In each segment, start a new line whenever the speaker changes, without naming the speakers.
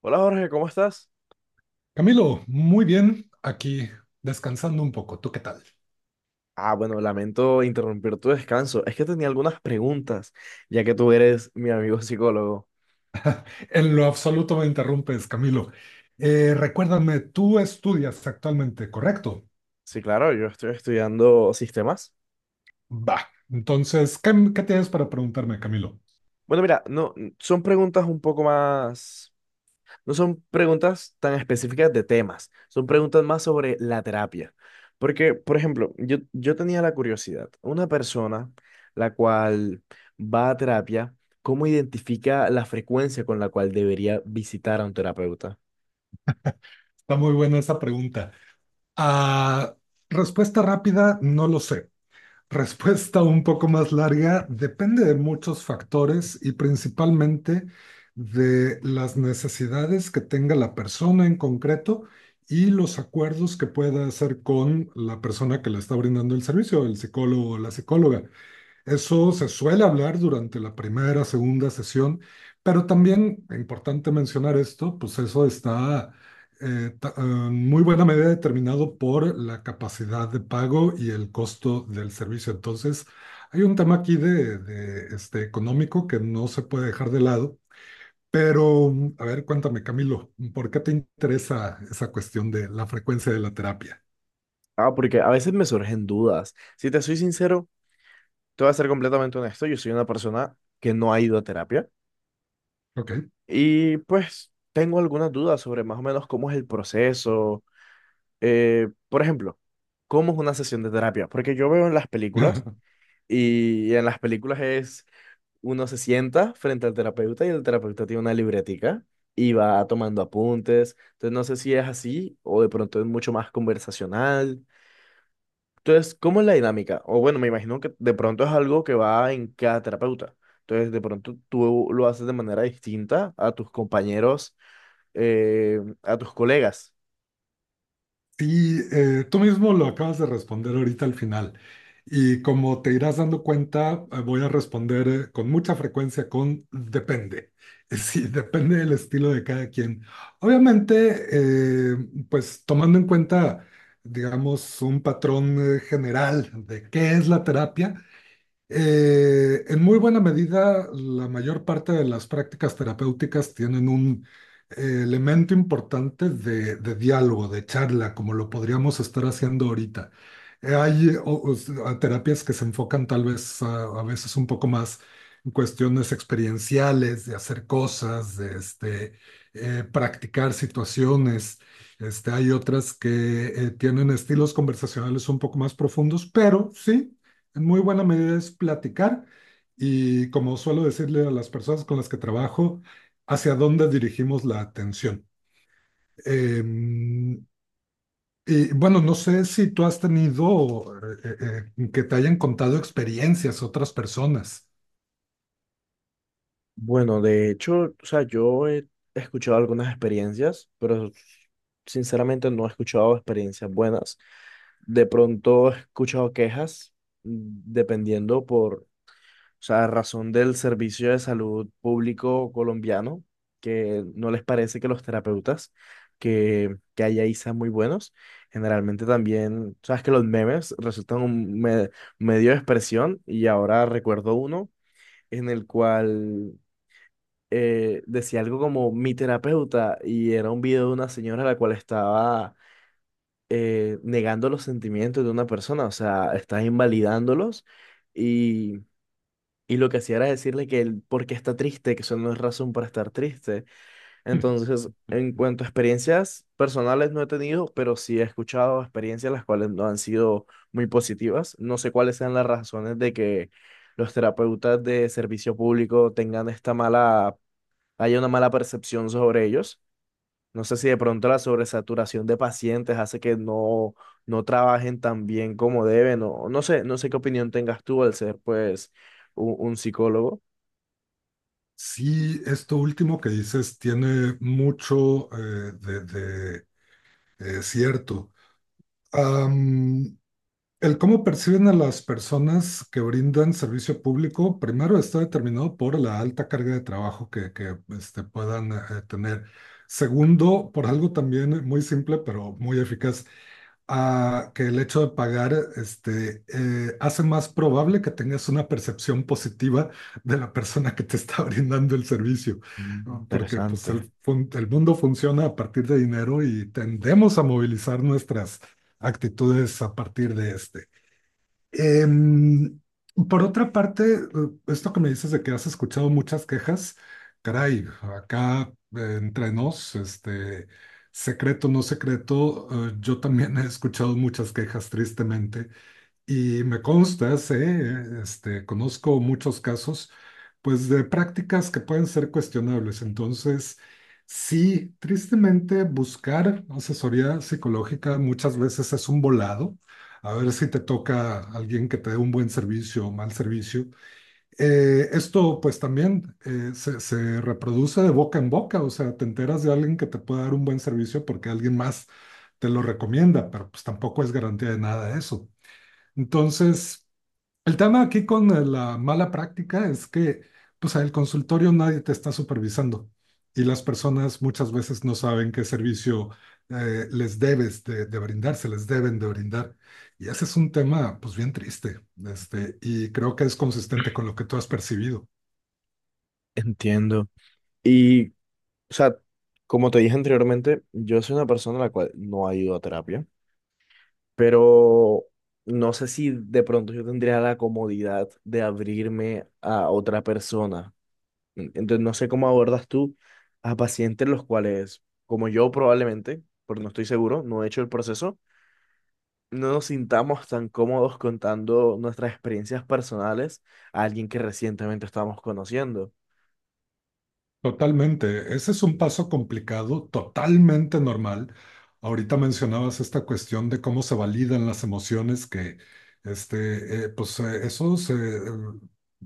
Hola Jorge, ¿cómo estás?
Camilo, muy bien, aquí descansando un poco. ¿Tú qué tal?
Ah, bueno, lamento interrumpir tu descanso. Es que tenía algunas preguntas, ya que tú eres mi amigo psicólogo.
En lo absoluto me interrumpes, Camilo. Recuérdame, tú estudias actualmente, ¿correcto?
Sí, claro, yo estoy estudiando sistemas.
Va. Entonces, ¿qué tienes para preguntarme, Camilo?
Bueno, mira, no, son preguntas un poco más, no son preguntas tan específicas de temas, son preguntas más sobre la terapia. Porque, por ejemplo, yo tenía la curiosidad, una persona la cual va a terapia, ¿cómo identifica la frecuencia con la cual debería visitar a un terapeuta?
Está muy buena esa pregunta. Ah, Respuesta rápida, no lo sé. Respuesta un poco más larga, depende de muchos factores y principalmente de las necesidades que tenga la persona en concreto y los acuerdos que pueda hacer con la persona que le está brindando el servicio, el psicólogo o la psicóloga. Eso se suele hablar durante la primera, segunda sesión, pero también, e importante mencionar esto, pues eso está en muy buena medida determinado por la capacidad de pago y el costo del servicio. Entonces, hay un tema aquí este, económico que no se puede dejar de lado, pero a ver, cuéntame, Camilo, ¿por qué te interesa esa cuestión de la frecuencia de la terapia?
Ah, porque a veces me surgen dudas. Si te soy sincero, te voy a ser completamente honesto. Yo soy una persona que no ha ido a terapia
Ok.
y pues tengo algunas dudas sobre más o menos cómo es el proceso. Por ejemplo, ¿cómo es una sesión de terapia? Porque yo veo en las películas, y en las películas es uno se sienta frente al terapeuta y el terapeuta tiene una libretica y va tomando apuntes. Entonces no sé si es así o de pronto es mucho más conversacional. Entonces, ¿cómo es la dinámica? O bueno, me imagino que de pronto es algo que va en cada terapeuta. Entonces, de pronto tú lo haces de manera distinta a tus compañeros, a tus colegas.
Sí, tú mismo lo acabas de responder ahorita al final. Y como te irás dando cuenta, voy a responder con mucha frecuencia con depende. Sí, depende del estilo de cada quien. Obviamente, pues tomando en cuenta, digamos, un patrón general de qué es la terapia, en muy buena medida, la mayor parte de las prácticas terapéuticas tienen un elemento importante de diálogo, de charla, como lo podríamos estar haciendo ahorita. Hay o terapias que se enfocan tal vez a veces un poco más en cuestiones experienciales, de hacer cosas, de este, practicar situaciones. Este, hay otras que tienen estilos conversacionales un poco más profundos, pero sí en muy buena medida es platicar y, como suelo decirle a las personas con las que trabajo, hacia dónde dirigimos la atención. Em, y bueno, no sé si tú has tenido que te hayan contado experiencias otras personas.
Bueno, de hecho, o sea, yo he escuchado algunas experiencias, pero sinceramente no he escuchado experiencias buenas. De pronto he escuchado quejas, mm, dependiendo por... O sea, a razón del servicio de salud público colombiano, que no les parece que los terapeutas que hay ahí sean muy buenos. Generalmente también, sabes que los memes resultan un medio de expresión, y ahora recuerdo uno en el cual decía algo como "mi terapeuta", y era un video de una señora a la cual estaba negando los sentimientos de una persona, o sea, estaba invalidándolos, y lo que hacía era decirle que él porque está triste, que eso no es razón para estar triste.
Hmm.
Entonces, en cuanto a experiencias personales no he tenido, pero sí he escuchado experiencias las cuales no han sido muy positivas. No sé cuáles sean las razones de que los terapeutas de servicio público tengan esta mala, haya una mala percepción sobre ellos. No sé si de pronto la sobresaturación de pacientes hace que no, no trabajen tan bien como deben, o no sé, no sé qué opinión tengas tú al ser pues un psicólogo.
Sí, esto último que dices tiene mucho de cierto. Am, El cómo perciben a las personas que brindan servicio público, primero está determinado por la alta carga de trabajo que, este, puedan tener. Segundo, por algo también muy simple, pero muy eficaz, ah, que el hecho de pagar este, hace más probable que tengas una percepción positiva de la persona que te está brindando el servicio,
Mm,
¿no? Porque pues,
interesante,
el mundo funciona a partir de dinero y tendemos a movilizar nuestras actitudes a partir de este. Em, por otra parte, esto que me dices de que has escuchado muchas quejas, caray, acá entre nos, este, secreto, no secreto, yo también he escuchado muchas quejas, tristemente. Y me consta, sé, este, conozco muchos casos, pues de prácticas que pueden ser cuestionables. Entonces, sí, tristemente buscar asesoría psicológica muchas veces es un volado. A ver si te toca alguien que te dé un buen servicio o mal servicio. Esto pues también se reproduce de boca en boca, o sea, te enteras de alguien que te puede dar un buen servicio porque alguien más te lo recomienda, pero pues tampoco es garantía de nada eso. Entonces, el tema aquí con la mala práctica es que, pues, al consultorio nadie te está supervisando y las personas muchas veces no saben qué servicio les de brindar, se les deben de brindar. Y ese es un tema, pues, bien triste, este, y creo que es consistente con lo que tú has percibido.
entiendo. Y, o sea, como te dije anteriormente, yo soy una persona la cual no ha ido a terapia, pero no sé si de pronto yo tendría la comodidad de abrirme a otra persona. Entonces, no sé cómo abordas tú a pacientes los cuales, como yo probablemente, porque no estoy seguro, no he hecho el proceso, no nos sintamos tan cómodos contando nuestras experiencias personales a alguien que recientemente estamos conociendo.
Totalmente, ese es un paso complicado, totalmente normal. Ahorita mencionabas esta cuestión de cómo se validan las emociones, que este, eso se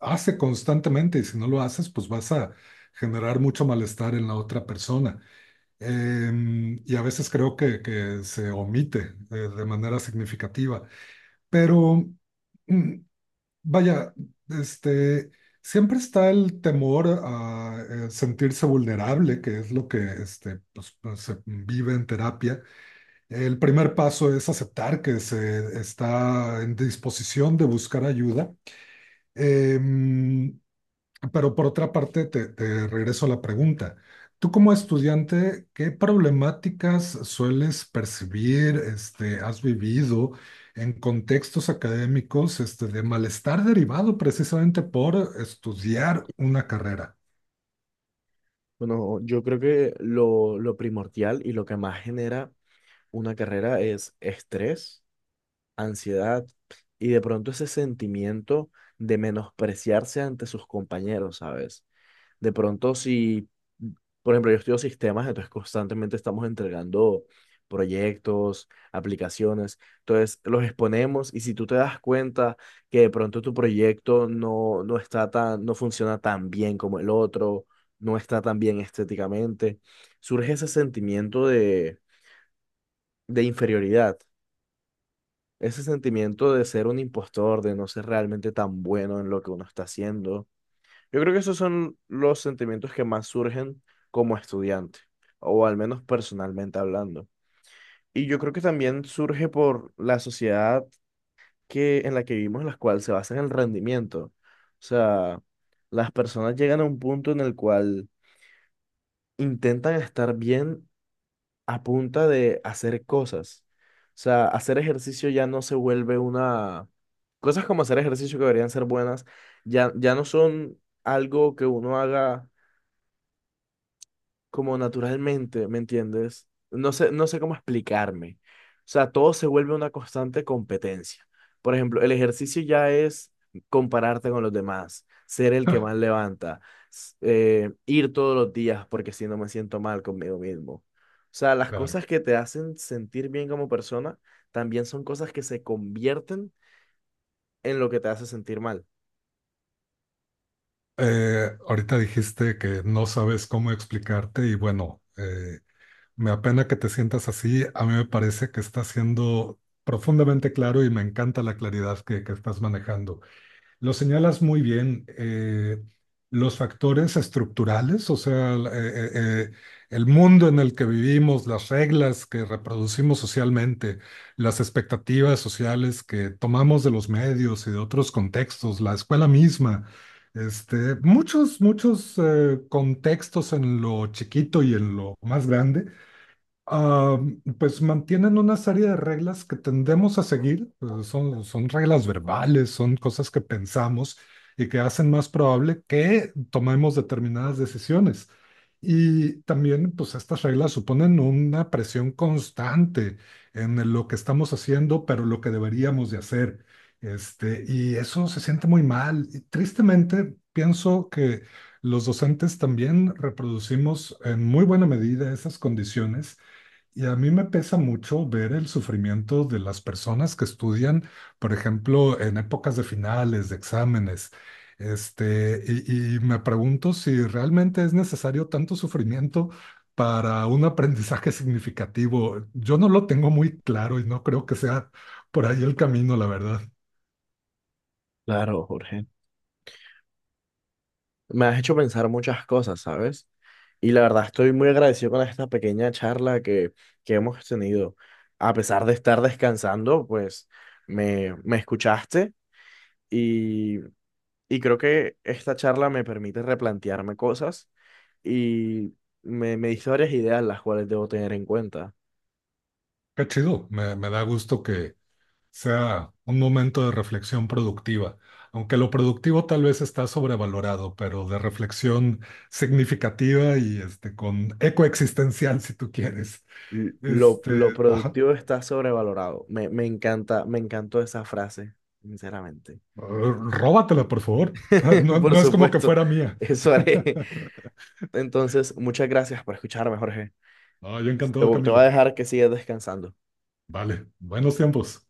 hace constantemente y si no lo haces, pues vas a generar mucho malestar en la otra persona. Y a veces creo que se omite de manera significativa. Pero mm, Vaya, este, siempre está el temor a sentirse vulnerable, que es lo que este, pues se vive en terapia. El primer paso es aceptar que se está en disposición de buscar ayuda. Em, pero por otra parte, te regreso a la pregunta. Tú como estudiante, ¿qué problemáticas sueles percibir, este, has vivido en contextos académicos, este, de malestar derivado precisamente por estudiar una carrera?
Bueno, yo creo que lo primordial y lo que más genera una carrera es estrés, ansiedad y de pronto ese sentimiento de menospreciarse ante sus compañeros, ¿sabes? De pronto, si, por ejemplo, yo estudio sistemas, entonces constantemente estamos entregando proyectos, aplicaciones, entonces los exponemos y si tú te das cuenta que de pronto tu proyecto no, no está tan, no funciona tan bien como el otro, no está tan bien estéticamente, surge ese sentimiento de inferioridad, ese sentimiento de ser un impostor, de no ser realmente tan bueno en lo que uno está haciendo. Yo creo que esos son los sentimientos que más surgen como estudiante, o al menos personalmente hablando. Y yo creo que también surge por la sociedad que, en la que vivimos, en la cual se basa en el rendimiento. O sea, las personas llegan a un punto en el cual intentan estar bien a punta de hacer cosas. O sea, hacer ejercicio ya no se vuelve una... Cosas como hacer ejercicio que deberían ser buenas, ya, ya no son algo que uno haga como naturalmente, ¿me entiendes? No sé, no sé cómo explicarme. O sea, todo se vuelve una constante competencia. Por ejemplo, el ejercicio ya es compararte con los demás, ser el que
Ah.
más levanta, ir todos los días porque si no me siento mal conmigo mismo. O sea, las
Claro.
cosas que te hacen sentir bien como persona también son cosas que se convierten en lo que te hace sentir mal.
Ahorita dijiste que no sabes cómo explicarte y bueno, me apena que te sientas así. A mí me parece que estás siendo profundamente claro y me encanta la claridad que estás manejando. Lo señalas muy bien. Los factores estructurales, o sea, eh, el mundo en el que vivimos, las reglas que reproducimos socialmente, las expectativas sociales que tomamos de los medios y de otros contextos, la escuela misma. Este, muchos contextos en lo chiquito y en lo más grande, ah, pues mantienen una serie de reglas que tendemos a seguir, son reglas verbales, son cosas que pensamos y que hacen más probable que tomemos determinadas decisiones. Y también, pues estas reglas suponen una presión constante en lo que estamos haciendo, pero lo que deberíamos de hacer. Este, y eso se siente muy mal. Y tristemente, pienso que los docentes también reproducimos en muy buena medida esas condiciones y a mí me pesa mucho ver el sufrimiento de las personas que estudian, por ejemplo, en épocas de finales, de exámenes. Este, y me pregunto si realmente es necesario tanto sufrimiento para un aprendizaje significativo. Yo no lo tengo muy claro y no creo que sea por ahí el camino, la verdad.
Claro, Jorge. Me has hecho pensar muchas cosas, ¿sabes? Y la verdad estoy muy agradecido con esta pequeña charla que hemos tenido. A pesar de estar descansando, pues me escuchaste y, y creo que esta charla me permite replantearme cosas y me diste varias ideas las cuales debo tener en cuenta.
Qué chido, me da gusto que sea un momento de reflexión productiva, aunque lo productivo tal vez está sobrevalorado, pero de reflexión significativa y este, con eco existencial, si tú quieres.
Lo
Este, ajá,
productivo está sobrevalorado. Me encanta, me encantó esa frase, sinceramente.
róbatela, por favor. Ah, no,
Por
no es como que
supuesto,
fuera mía.
eso haré. Entonces, muchas gracias por escucharme, Jorge.
Ah, yo
Te
encantado,
voy a
Camilo.
dejar que sigas descansando.
Vale, buenos tiempos.